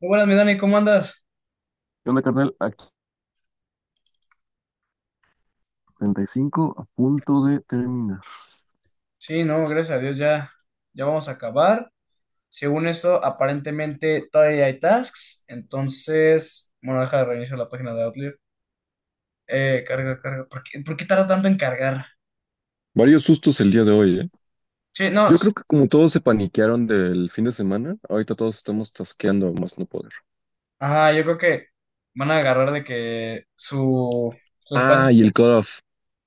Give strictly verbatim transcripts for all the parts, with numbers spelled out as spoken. Muy buenas, mi Dani, ¿cómo andas? ¿Qué onda, carnal? Aquí treinta y cinco a punto de terminar. Sí, no, gracias a Dios ya, ya vamos a acabar. Según eso, aparentemente todavía hay tasks, entonces, bueno, deja de reiniciar la página de Outlier. Eh, carga, carga. ¿Por qué, por qué tarda tanto en cargar? Varios sustos el día de hoy, ¿eh? Sí, no, Yo s- creo que como todos se paniquearon del fin de semana, ahorita todos estamos tasqueando a más no poder. ajá, yo creo que van a agarrar de que su, su espacio. Ah, y el cutoff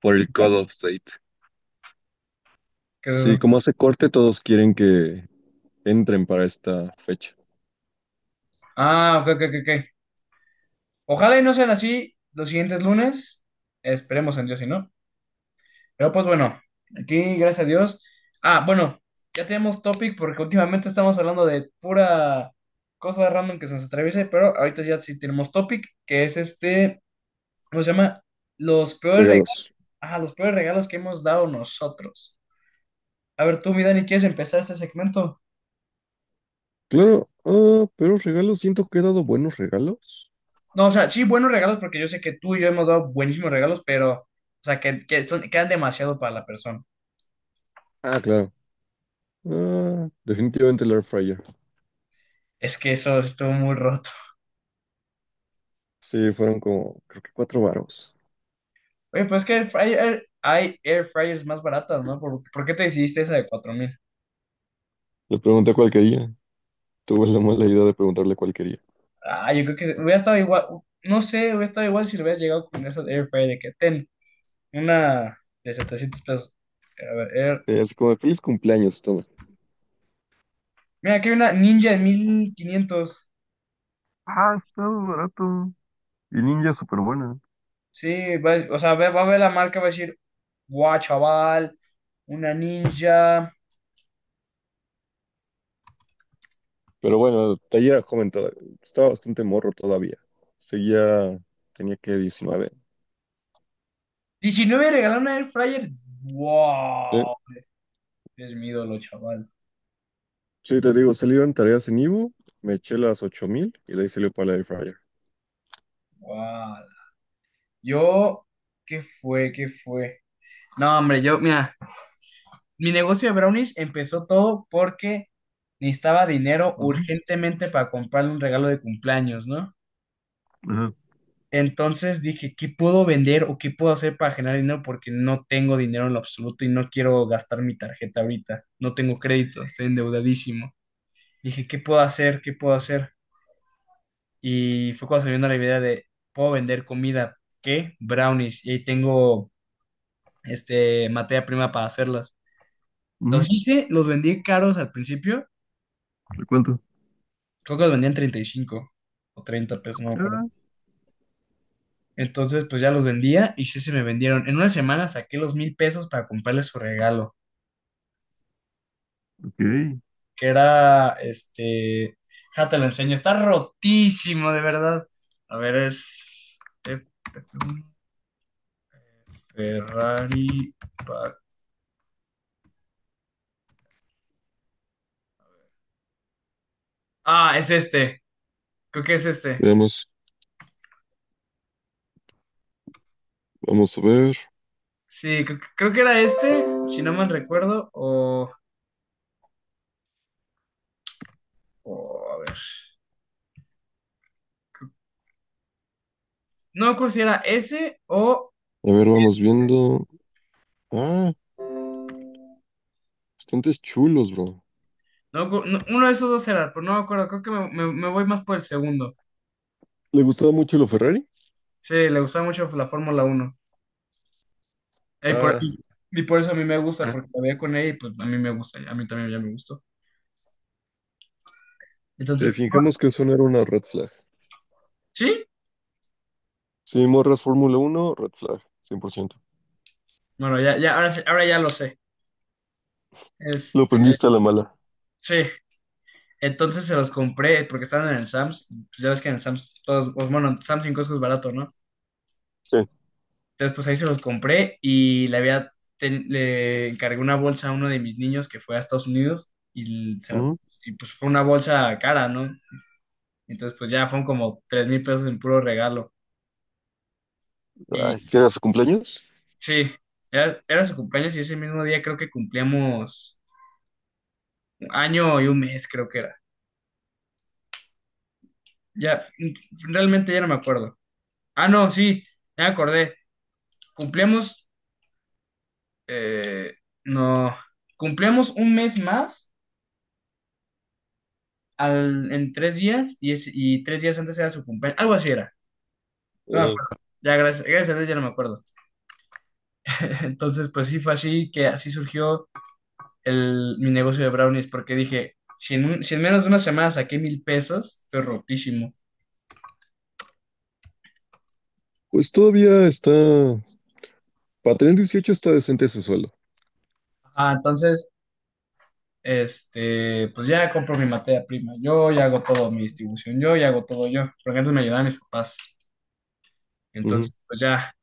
por el cutoff date. ¿Qué es Sí, eso? como hace corte, todos quieren que entren para esta fecha. Ah, ok, ok, ok. Ok. Ojalá y no sean así los siguientes lunes. Esperemos en Dios, si no. Pero pues bueno, aquí gracias a Dios. Ah, bueno, ya tenemos topic porque últimamente estamos hablando de pura cosa random que se nos atraviese, pero ahorita ya sí tenemos topic, que es este, ¿cómo se llama? Los peores regalos, Regalos. ah, los peores regalos que hemos dado nosotros. A ver, tú, mi Dani, ¿quieres empezar este segmento? Claro, ah, pero regalos, siento que he dado buenos regalos. No, o sea, sí, buenos regalos, porque yo sé que tú y yo hemos dado buenísimos regalos, pero, o sea, que, que son, quedan demasiado para la persona. Ah, claro. Ah, definitivamente el air fryer. Es que eso estuvo muy roto. Sí, fueron como, creo que cuatro varos. Oye, pues es que air fryer- hay air fryers más baratas, ¿no? ¿Por, por qué te decidiste esa de cuatro mil? Le pregunté cuál quería. Tuve la mala idea de preguntarle cuál quería. Ah, yo creo que hubiera estado igual, no sé, hubiera estado igual si le hubieras llegado con esa air fryer de que ten una de setecientos pesos. A ver, air- Eh, así como, de feliz cumpleaños, toma. mira, aquí hay una Ninja de mil quinientos. Ah, está muy barato. Y ninja súper buena. Sí, va a- o sea, va, va a ver la marca, va a decir, guau, chaval, una Ninja. Pero bueno, taller era joven todavía. Estaba bastante morro todavía. Seguía, tenía que diecinueve. Diecinueve regalar una air fryer. Sí. Wow, es mi ídolo, chaval. Sí, te digo, salieron tareas en Ivo, me eché las ocho mil y de ahí salió para la air fryer. Wow. Yo, ¿qué fue? ¿Qué fue? No, hombre, yo, mira, mi negocio de brownies empezó todo porque necesitaba dinero Ujú. urgentemente para comprarle un regalo de cumpleaños, ¿no? Ajá. Entonces dije, ¿qué puedo vender o qué puedo hacer para generar dinero? Porque no tengo dinero en lo absoluto y no quiero gastar mi tarjeta ahorita. No tengo crédito, estoy endeudadísimo. Dije, ¿qué puedo hacer? ¿Qué puedo hacer? Y fue cuando se me vino la idea de, puedo vender comida, ¿qué? Brownies. Y ahí tengo, este, materia prima para hacerlas. Ujú. Los hice, los vendí caros al principio. ¿De cuánto? Creo que los vendían treinta y cinco o treinta pesos, no me acuerdo. Ah, Entonces, pues ya los vendía y sí se me vendieron. En una semana saqué los mil pesos para comprarle su regalo, ok. que era, este, ya te lo enseño, está rotísimo, de verdad. A ver, es... es un Ferrari... pa- Ah, es este, creo que es este. Veamos, vamos a ver. Sí, creo, creo que era este, si no mal recuerdo, o... o a ver. No me acuerdo si era ese o... A ver, vamos viendo. Ah, bastantes chulos, bro. no, me acu- no, uno de esos dos era, pero no me acuerdo, creo que me, me- me voy más por el segundo. ¿Le gustaba mucho lo Ferrari? Sí, le gustaba mucho la Fórmula uno. Y por, Ah. y- y por eso a mí me gusta, porque la veía con ella y pues a mí me gusta, a mí también ya me gustó. Si Entonces, ah, fijemos que eso no era una red flag. ¿sí? Si morras Fórmula Uno, red flag, cien por ciento. Bueno, ya, ya, ahora, sí- ahora ya lo sé. Lo Este, aprendiste a la mala. sí, entonces se los compré porque estaban en el Sam's. Pues ya ves que en el Sam's, todos, pues bueno, Sam's cinco es barato, ¿no? Sí. Entonces, pues ahí se los compré y le había, ten- le encargué una bolsa a uno de mis niños que fue a Estados Unidos y, se la- Ujú. y pues fue una bolsa cara, ¿no? Entonces, pues ya fueron como tres mil pesos en puro regalo. Ay, Y ¿qué era su cumpleaños? sí, era, era su cumpleaños y ese mismo día creo que cumplíamos un año y un mes, creo que era. Ya, mm, realmente ya no me acuerdo. Ah, no, sí, ya me acordé. Cumplíamos, eh, no, cumplíamos un mes más. Al- en tres días y, es- y tres días antes era su cumpleaños, algo así era, no me Eh, acuerdo. Ya, gracias, gracias a Dios ya no me acuerdo. Entonces, pues sí fue así que así surgió el, mi negocio de brownies, porque dije, si en, un- si en menos de una semana saqué mil pesos, estoy rotísimo. Pues todavía está. Para tener dieciocho está decente ese suelo. Ah, entonces, este, pues ya compro mi materia prima, yo ya hago todo, mi distribución, yo ya hago todo yo, porque antes me ayudaban mis papás. Ujú. Entonces, pues ya,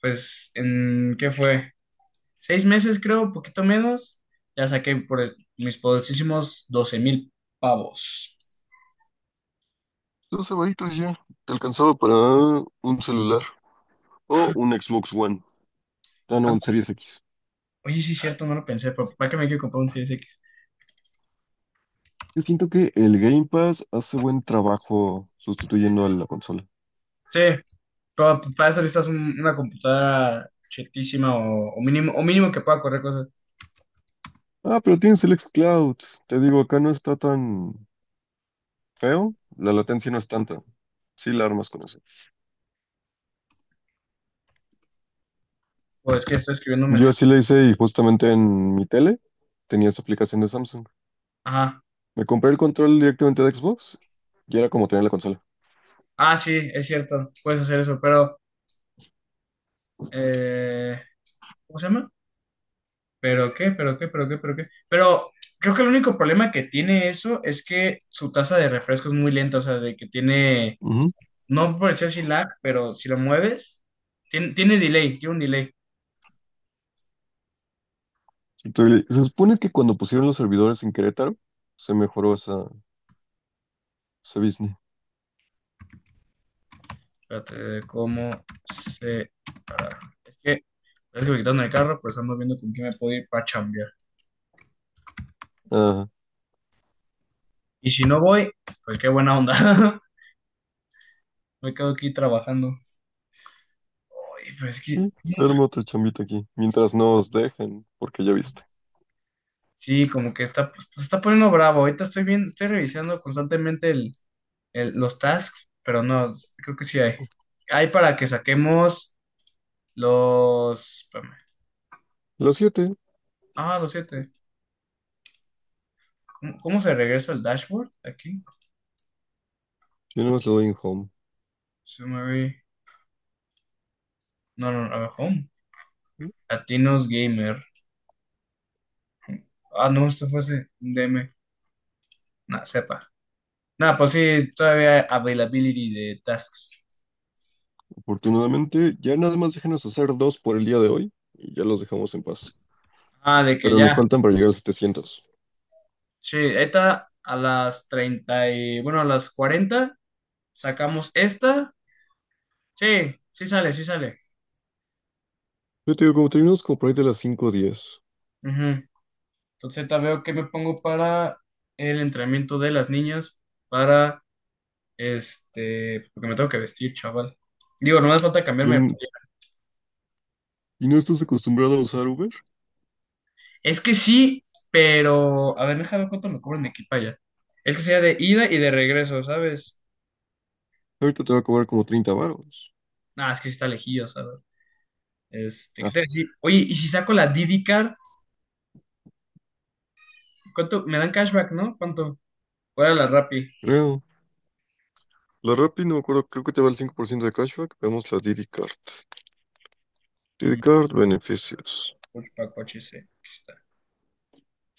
pues, ¿en qué fue? Seis meses, creo, poquito menos, ya saqué por el- mis poderosísimos doce mil pavos. Dos semanitas ya. Te alcanzaba para un celular o un Xbox One. Ah, Ah, no, un Series X. oye, sí, es cierto, no lo pensé, pero ¿para qué me quiero comprar un seis X? Yo siento que el Game Pass hace buen trabajo sustituyendo a la consola. Sí, pero para eso necesitas un- una computadora chetísima o, o mínimo, o mínimo que pueda correr cosas. Ah, pero tienes el xCloud. Te digo, acá no está tan feo, la latencia no es tanta. Sí la armas con eso. Pues es que estoy escribiendo un Yo mensaje. sí la hice y justamente en mi tele tenía esa aplicación de Samsung. Ajá. Me compré el control directamente de Xbox y era como tener la consola. Ah, sí, es cierto, puedes hacer eso, pero, eh, ¿cómo se llama? ¿Pero qué? ¿Pero qué? ¿Pero qué? ¿Pero qué? Pero creo que el único problema que tiene eso es que su tasa de refresco es muy lenta, o sea, de que tiene. Ujú. No me pareció así lag, pero si lo mueves, tiene, tiene delay, tiene un delay. Entonces, se supone que cuando pusieron los servidores en Querétaro, se mejoró esa, ese business. Espérate, ¿cómo se...? ¿Para? Es que, es que me quitaron el carro, pues estamos viendo con quién me puedo ir para chambear. Ah, Y si no voy, pues qué buena onda. Me quedo aquí trabajando. Oye, pues es que, sí, se arma otra chambita aquí. Mientras no os dejen, porque ya viste. sí, como que está, pues, se está poniendo bravo. Ahorita estoy bien, estoy revisando constantemente el, el- los tasks, pero no, creo que sí hay. Hay para que saquemos los... espérame. Los siete, Ah, los siete. ¿Cómo, cómo se regresa al dashboard? Aquí. yo nada más le doy en home. Se mueve. No, no, a ver, home. Latinos Gamer. Ah, no, esto fue ese D M. Nah, sepa. Nah, pues sí, todavía availability de tasks. Afortunadamente, ya nada más déjenos hacer dos por el día de hoy y ya los dejamos en paz. Ah, de que Pero nos ya. faltan para llegar a setecientos. Sí, esta a las treinta y, bueno, a las cuarenta sacamos esta. Sí, sí sale, sí sale. Yo te digo, como terminamos como por ahí de las cinco y diez Ujú. Entonces, ahorita veo que me pongo para el entrenamiento de las niñas para. Este, porque me tengo que vestir, chaval. Digo, no me falta y, cambiarme de n- playera. y no estás acostumbrado a usar Uber, Es que sí, pero. A ver, déjame ver cuánto me cobran de aquí para allá. Es que sea de ida y de regreso, ¿sabes? ahorita te va a cobrar como treinta varos. Ah, es que sí está lejillo, ¿sabes? Este, ¿qué Ah, te decía? Oye, ¿y si saco la Didi Card? ¿Cuánto? Me dan cashback, ¿no? ¿Cuánto? ¿Cuál era la Rappi? creo. La Rappi, no me acuerdo, creo que te va el cinco por ciento de cashback. Veamos la Didi Card. Didi Mm, Card, beneficios. Coach pa' coche, sí. Aquí está.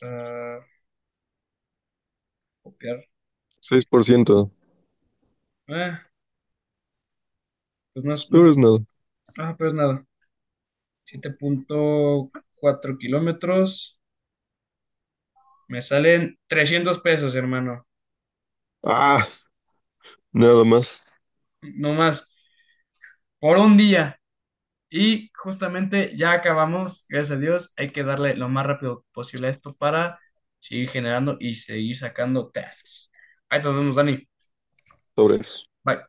Ah, copiar. seis por ciento. Ah, pues no, es- Pues peor no. es nada. Ah, pues nada. siete punto cuatro kilómetros. Me salen trescientos pesos, hermano. Ah, nada más Nomás por un día. Y justamente ya acabamos, gracias a Dios, hay que darle lo más rápido posible a esto para seguir generando y seguir sacando tasks. Ahí nos vemos, Dani. sobre eso. Bye.